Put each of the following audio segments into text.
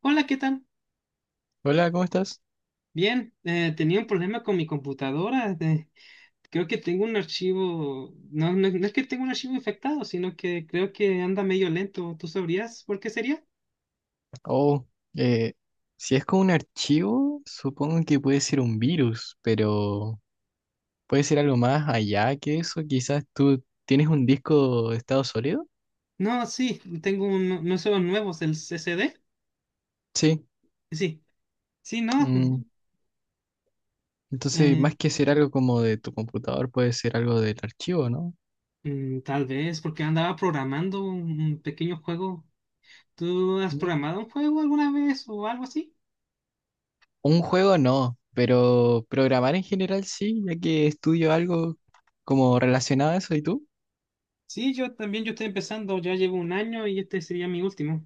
Hola, ¿qué tal? Hola, ¿cómo estás? Bien, tenía un problema con mi computadora. Creo que tengo un archivo, no, no, no es que tengo un archivo infectado, sino que creo que anda medio lento. ¿Tú sabrías por qué sería? Oh, eh, si es con un archivo, supongo que puede ser un virus, pero puede ser algo más allá que eso. Quizás tú tienes un disco de estado sólido. No, sí, no son los nuevos, el C C D. Sí. Sí, sí, no. mm, Entonces, eh, más que ser algo como de tu computador, puede ser algo del archivo, ¿no? Tal vez porque andaba programando un pequeño juego. ¿Tú has Mm. programado un juego alguna vez o algo así? Un juego no, pero programar en general sí, ya que estudio algo como relacionado a eso. ¿Y tú? Sí, yo también, yo estoy empezando, ya llevo un año y este sería mi último.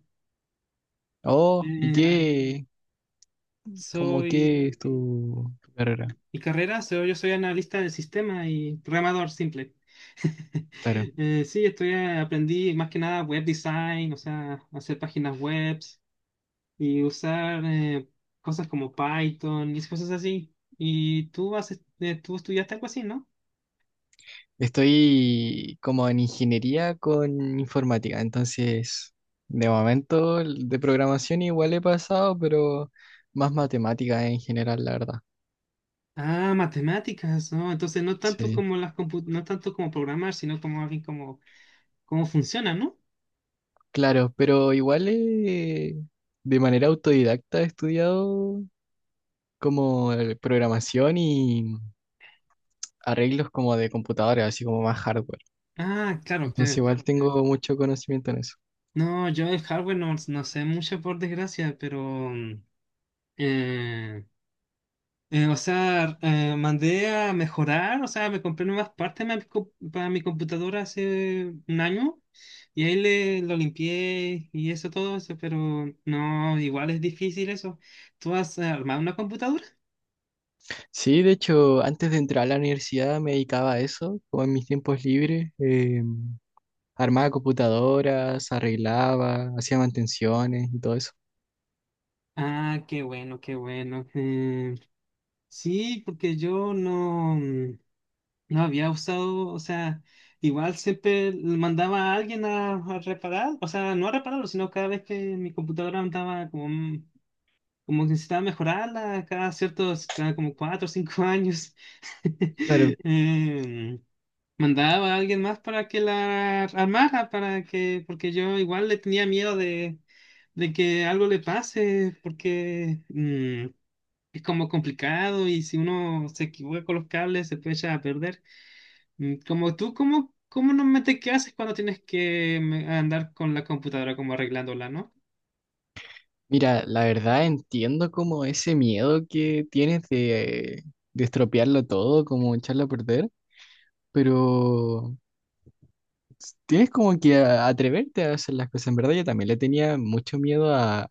Oh, ¿y Eh, ah, qué? ¿Cómo Soy... qué es tu carrera? Mi carrera, yo soy analista de sistemas y programador simple. Claro. Sí, estudié, aprendí más que nada web design, o sea, hacer páginas web y usar cosas como Python y esas cosas así. Y tú, haces, tú estudiaste algo así, ¿no? Estoy como en ingeniería con informática, entonces de momento el de programación igual he pasado, pero más matemática en general, la verdad. Ah, matemáticas, ¿no? Entonces no tanto Sí. como las no tanto como programar, sino como alguien como cómo funciona, ¿no? Claro, pero igual de manera autodidacta he estudiado como programación y arreglos como de computadoras, así como más hardware. Ah, claro. Entonces igual tengo mucho conocimiento en eso. No, yo el hardware no, no sé mucho por desgracia, pero mm, eh, o sea, mandé a mejorar, o sea, me compré nuevas partes para para mi computadora hace un año y ahí lo limpié y eso todo eso, pero no, igual es difícil eso. ¿Tú has armado una computadora? Sí, de hecho, antes de entrar a la universidad me dedicaba a eso, como en mis tiempos libres. Armaba computadoras, arreglaba, hacía mantenciones y todo eso. Ah, qué bueno, qué bueno. Sí, porque yo no, no había usado, o sea, igual siempre le mandaba a alguien a reparar, o sea, no a repararlo, sino cada vez que mi computadora andaba como como que necesitaba mejorarla cada ciertos, cada como 4 o 5 años. Claro. Em, Mandaba a alguien más para que la armara, para que, porque yo igual le tenía miedo de que algo le pase, porque es como complicado y si uno se equivoca con los cables se puede echar a perder. Como tú, ¿cómo, cómo normalmente qué haces cuando tienes que andar con la computadora como arreglándola, ¿no? Mira, la verdad entiendo como ese miedo que tienes de estropearlo todo, como echarlo a perder, pero tienes como que atreverte a hacer las cosas. En verdad yo también le tenía mucho miedo a,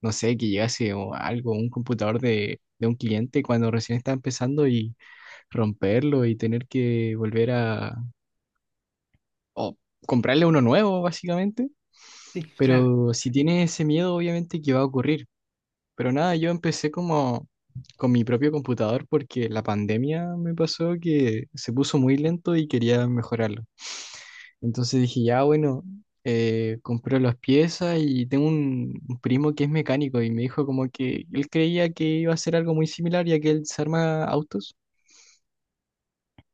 no sé, que llegase o algo, un computador de un cliente cuando recién está empezando y romperlo y tener que volver a o comprarle uno nuevo, básicamente. Sí, claro. Pero si tienes ese miedo, obviamente que va a ocurrir. Pero nada, yo empecé como con mi propio computador porque la pandemia me pasó que se puso muy lento y quería mejorarlo. Entonces dije, ya bueno, compré las piezas y tengo un primo que es mecánico y me dijo como que él creía que iba a ser algo muy similar ya que él se arma autos.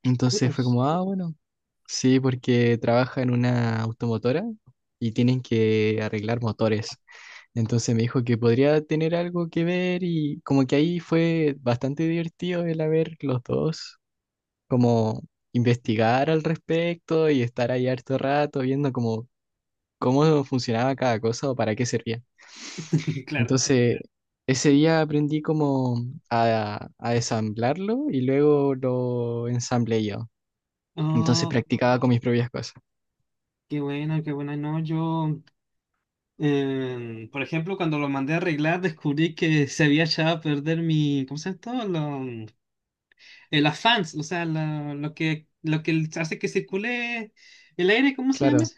Entonces fue Putos. como, ah, bueno, sí, porque trabaja en una automotora y tienen que arreglar motores. Entonces me dijo que podría tener algo que ver y como que ahí fue bastante divertido el haber los dos, como investigar al respecto y estar ahí harto rato viendo como cómo funcionaba cada cosa o para qué servía. Claro. Entonces ese día aprendí como a ensamblarlo y luego lo ensamblé yo. Entonces practicaba con mis propias cosas. Qué buena, qué buena. No, yo, por ejemplo, cuando lo mandé a arreglar, descubrí que se había echado a perder mi, ¿cómo se llama esto? Las fans, o sea, lo, lo que hace que circule el aire, ¿cómo se llama Claro, eso?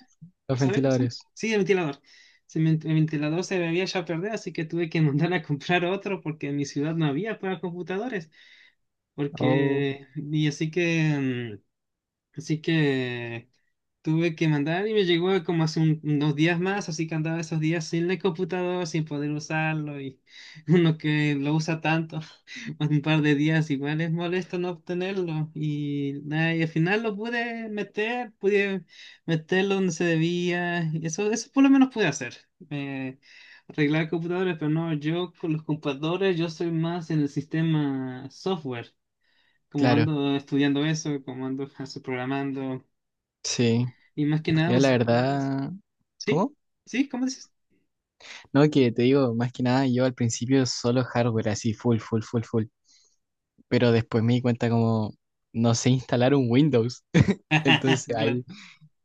los ¿Sabes cómo se llama? ventiladores. Sí, el ventilador. El ventilador se me había echado a perder, así que tuve que mandar a comprar otro porque en mi ciudad no había para computadores. Oh, Porque, y así que... Así que tuve que mandar y me llegó como hace unos días más, así que andaba esos días sin el computador, sin poder usarlo y uno que lo usa tanto, un par de días igual es molesto no obtenerlo y, nada, y al final lo pude meter, pude meterlo donde se debía y eso por lo menos pude hacer. eh, Arreglar computadores, pero no, yo con los computadores yo soy más en el sistema software, como claro, ando estudiando eso, como ando programando. sí. Y más que nada, Mira, la verdad. ¿sí? ¿Cómo? ¿Sí? ¿Cómo dices? No, que te digo, más que nada, yo al principio solo hardware, así, full, full, full, full. Pero después me di cuenta como, no sé instalar un Windows. Ah, Entonces claro. ahí,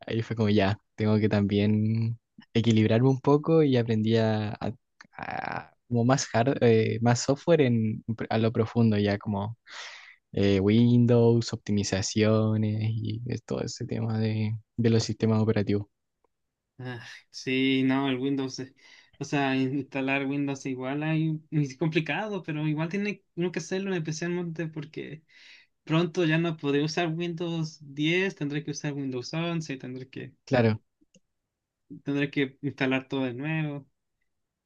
ahí fue como ya, tengo que también equilibrarme un poco y aprendí como más hard, más software a lo profundo, ya como Windows, optimizaciones y es todo ese tema de los sistemas operativos. Ah, sí, no, el Windows. O sea, instalar Windows es complicado, pero igual tiene uno que hacerlo especialmente porque pronto ya no podré usar Windows 10, tendré que usar Windows 11, Claro, tendré que instalar todo de nuevo.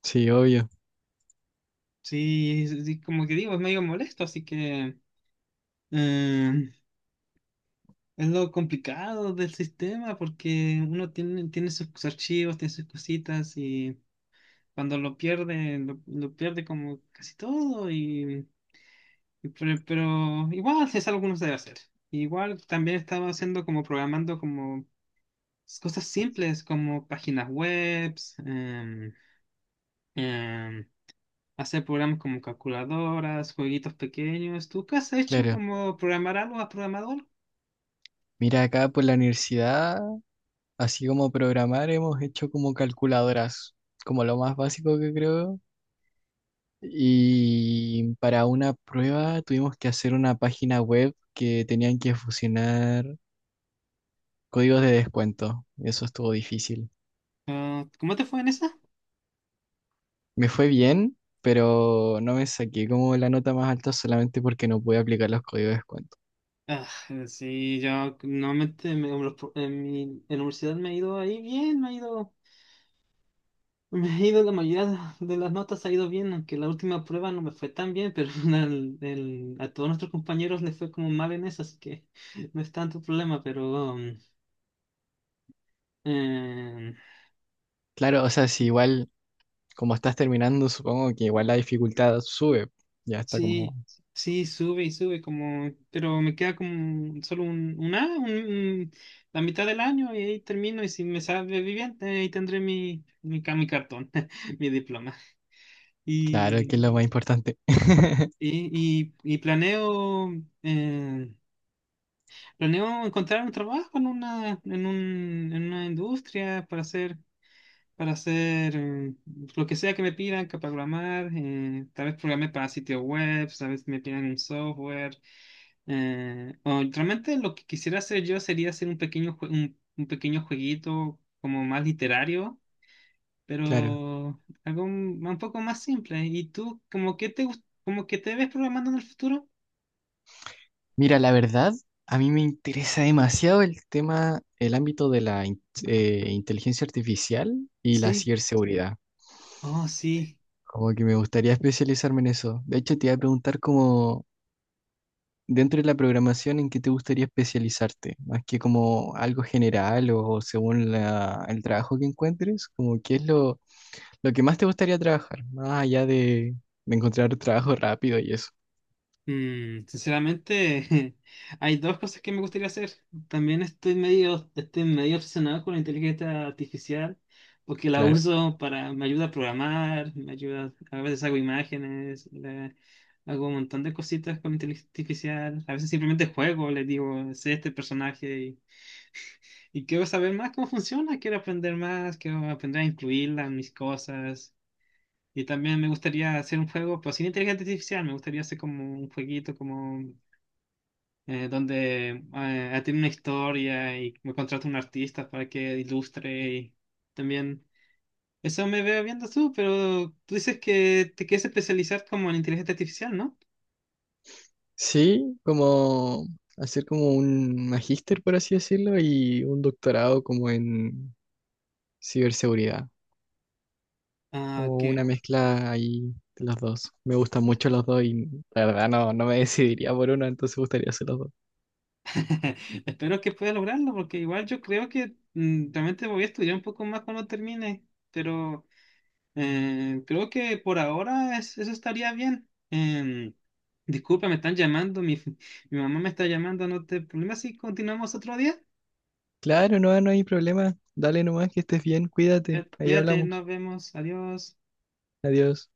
sí, obvio, Sí, es como que digo, es medio molesto, así que eh, es lo complicado del sistema porque uno tiene, tiene sus archivos, tiene sus cositas y... cuando lo pierde, lo pierde como casi todo y, pero igual es algo que uno debe hacer. Igual también estaba haciendo como programando como cosas simples como páginas webs, em, hacer programas como calculadoras, jueguitos pequeños. ¿Tú qué has hecho claro. como programar algo? ¿Has programado algo? Mira, acá por la universidad, así como programar, hemos hecho como calculadoras, como lo más básico que creo. Y para una prueba tuvimos que hacer una página web que tenían que fusionar códigos de descuento. Eso estuvo difícil. Ah, ¿cómo te fue en esa? Me fue bien, pero no me saqué como la nota más alta solamente porque no pude aplicar los códigos de descuento. Sí, yo normalmente en en mi en la universidad me ha ido ahí bien, me ha ido. Me ha ido la mayoría de las notas, ha ido bien, aunque la última prueba no me fue tan bien, pero a todos nuestros compañeros les fue como mal en eso, así que no es tanto problema, pero eh, Claro, o sea, si igual como estás terminando, supongo que igual la dificultad sube. Ya está como, sí, sí, sube y sube, como, pero me queda como solo un A, la mitad del año y ahí termino y si me sale bien, ahí tendré mi, mi, mi cartón, mi diploma. claro, que Y, es lo más importante. Y planeo... eh, Planeo encontrar un trabajo en una, en un, en una industria para hacer lo que sea que me pidan, que programar, tal vez programé para sitios web, tal vez me pidan un software. O realmente lo que quisiera hacer yo sería hacer un pequeño, un pequeño jueguito como más literario, Claro. pero algo un poco más simple. ¿Y tú, como que te, como que te ves programando en el futuro? Mira, la verdad, a mí me interesa demasiado el tema, el ámbito de inteligencia artificial y la Sí, ciberseguridad. oh, sí. Como que me gustaría especializarme en eso. De hecho, te iba a preguntar como, dentro de la programación, ¿en qué te gustaría especializarte? Más que como algo general o según el trabajo que encuentres, como qué es lo que más te gustaría trabajar, más allá de encontrar trabajo rápido y eso, Sinceramente, hay dos cosas que me gustaría hacer. También estoy medio obsesionado con la inteligencia artificial, porque la claro. uso para, me ayuda a programar, me ayuda, a veces hago imágenes, hago un montón de cositas con inteligencia artificial. A veces simplemente juego, le digo, sé este personaje y quiero saber más cómo funciona, quiero aprender más, quiero aprender a incluirla en mis cosas. Y también me gustaría hacer un juego, pero sin inteligencia artificial, me gustaría hacer como un jueguito, como donde tiene una historia y me contrata un artista para que ilustre y también eso me veo viendo tú, pero tú dices que te quieres especializar como en inteligencia artificial, ¿no? Sí, como hacer como un magíster, por así decirlo, y un doctorado como en ciberseguridad, Ah, como que una mezcla ahí de los dos. Me gustan mucho los dos y la verdad no, no me decidiría por uno, entonces me gustaría hacer los dos. espero que puedas lograrlo, porque igual yo creo que realmente voy a estudiar un poco más cuando termine, pero creo que por ahora eso estaría bien. Disculpa, me están llamando, mi, mi mamá me está llamando, no te problema si continuamos otro día. Claro, no, no hay problema. Dale nomás que estés bien, cuídate. Ahí Cuídate, hablamos. nos vemos, adiós. Adiós.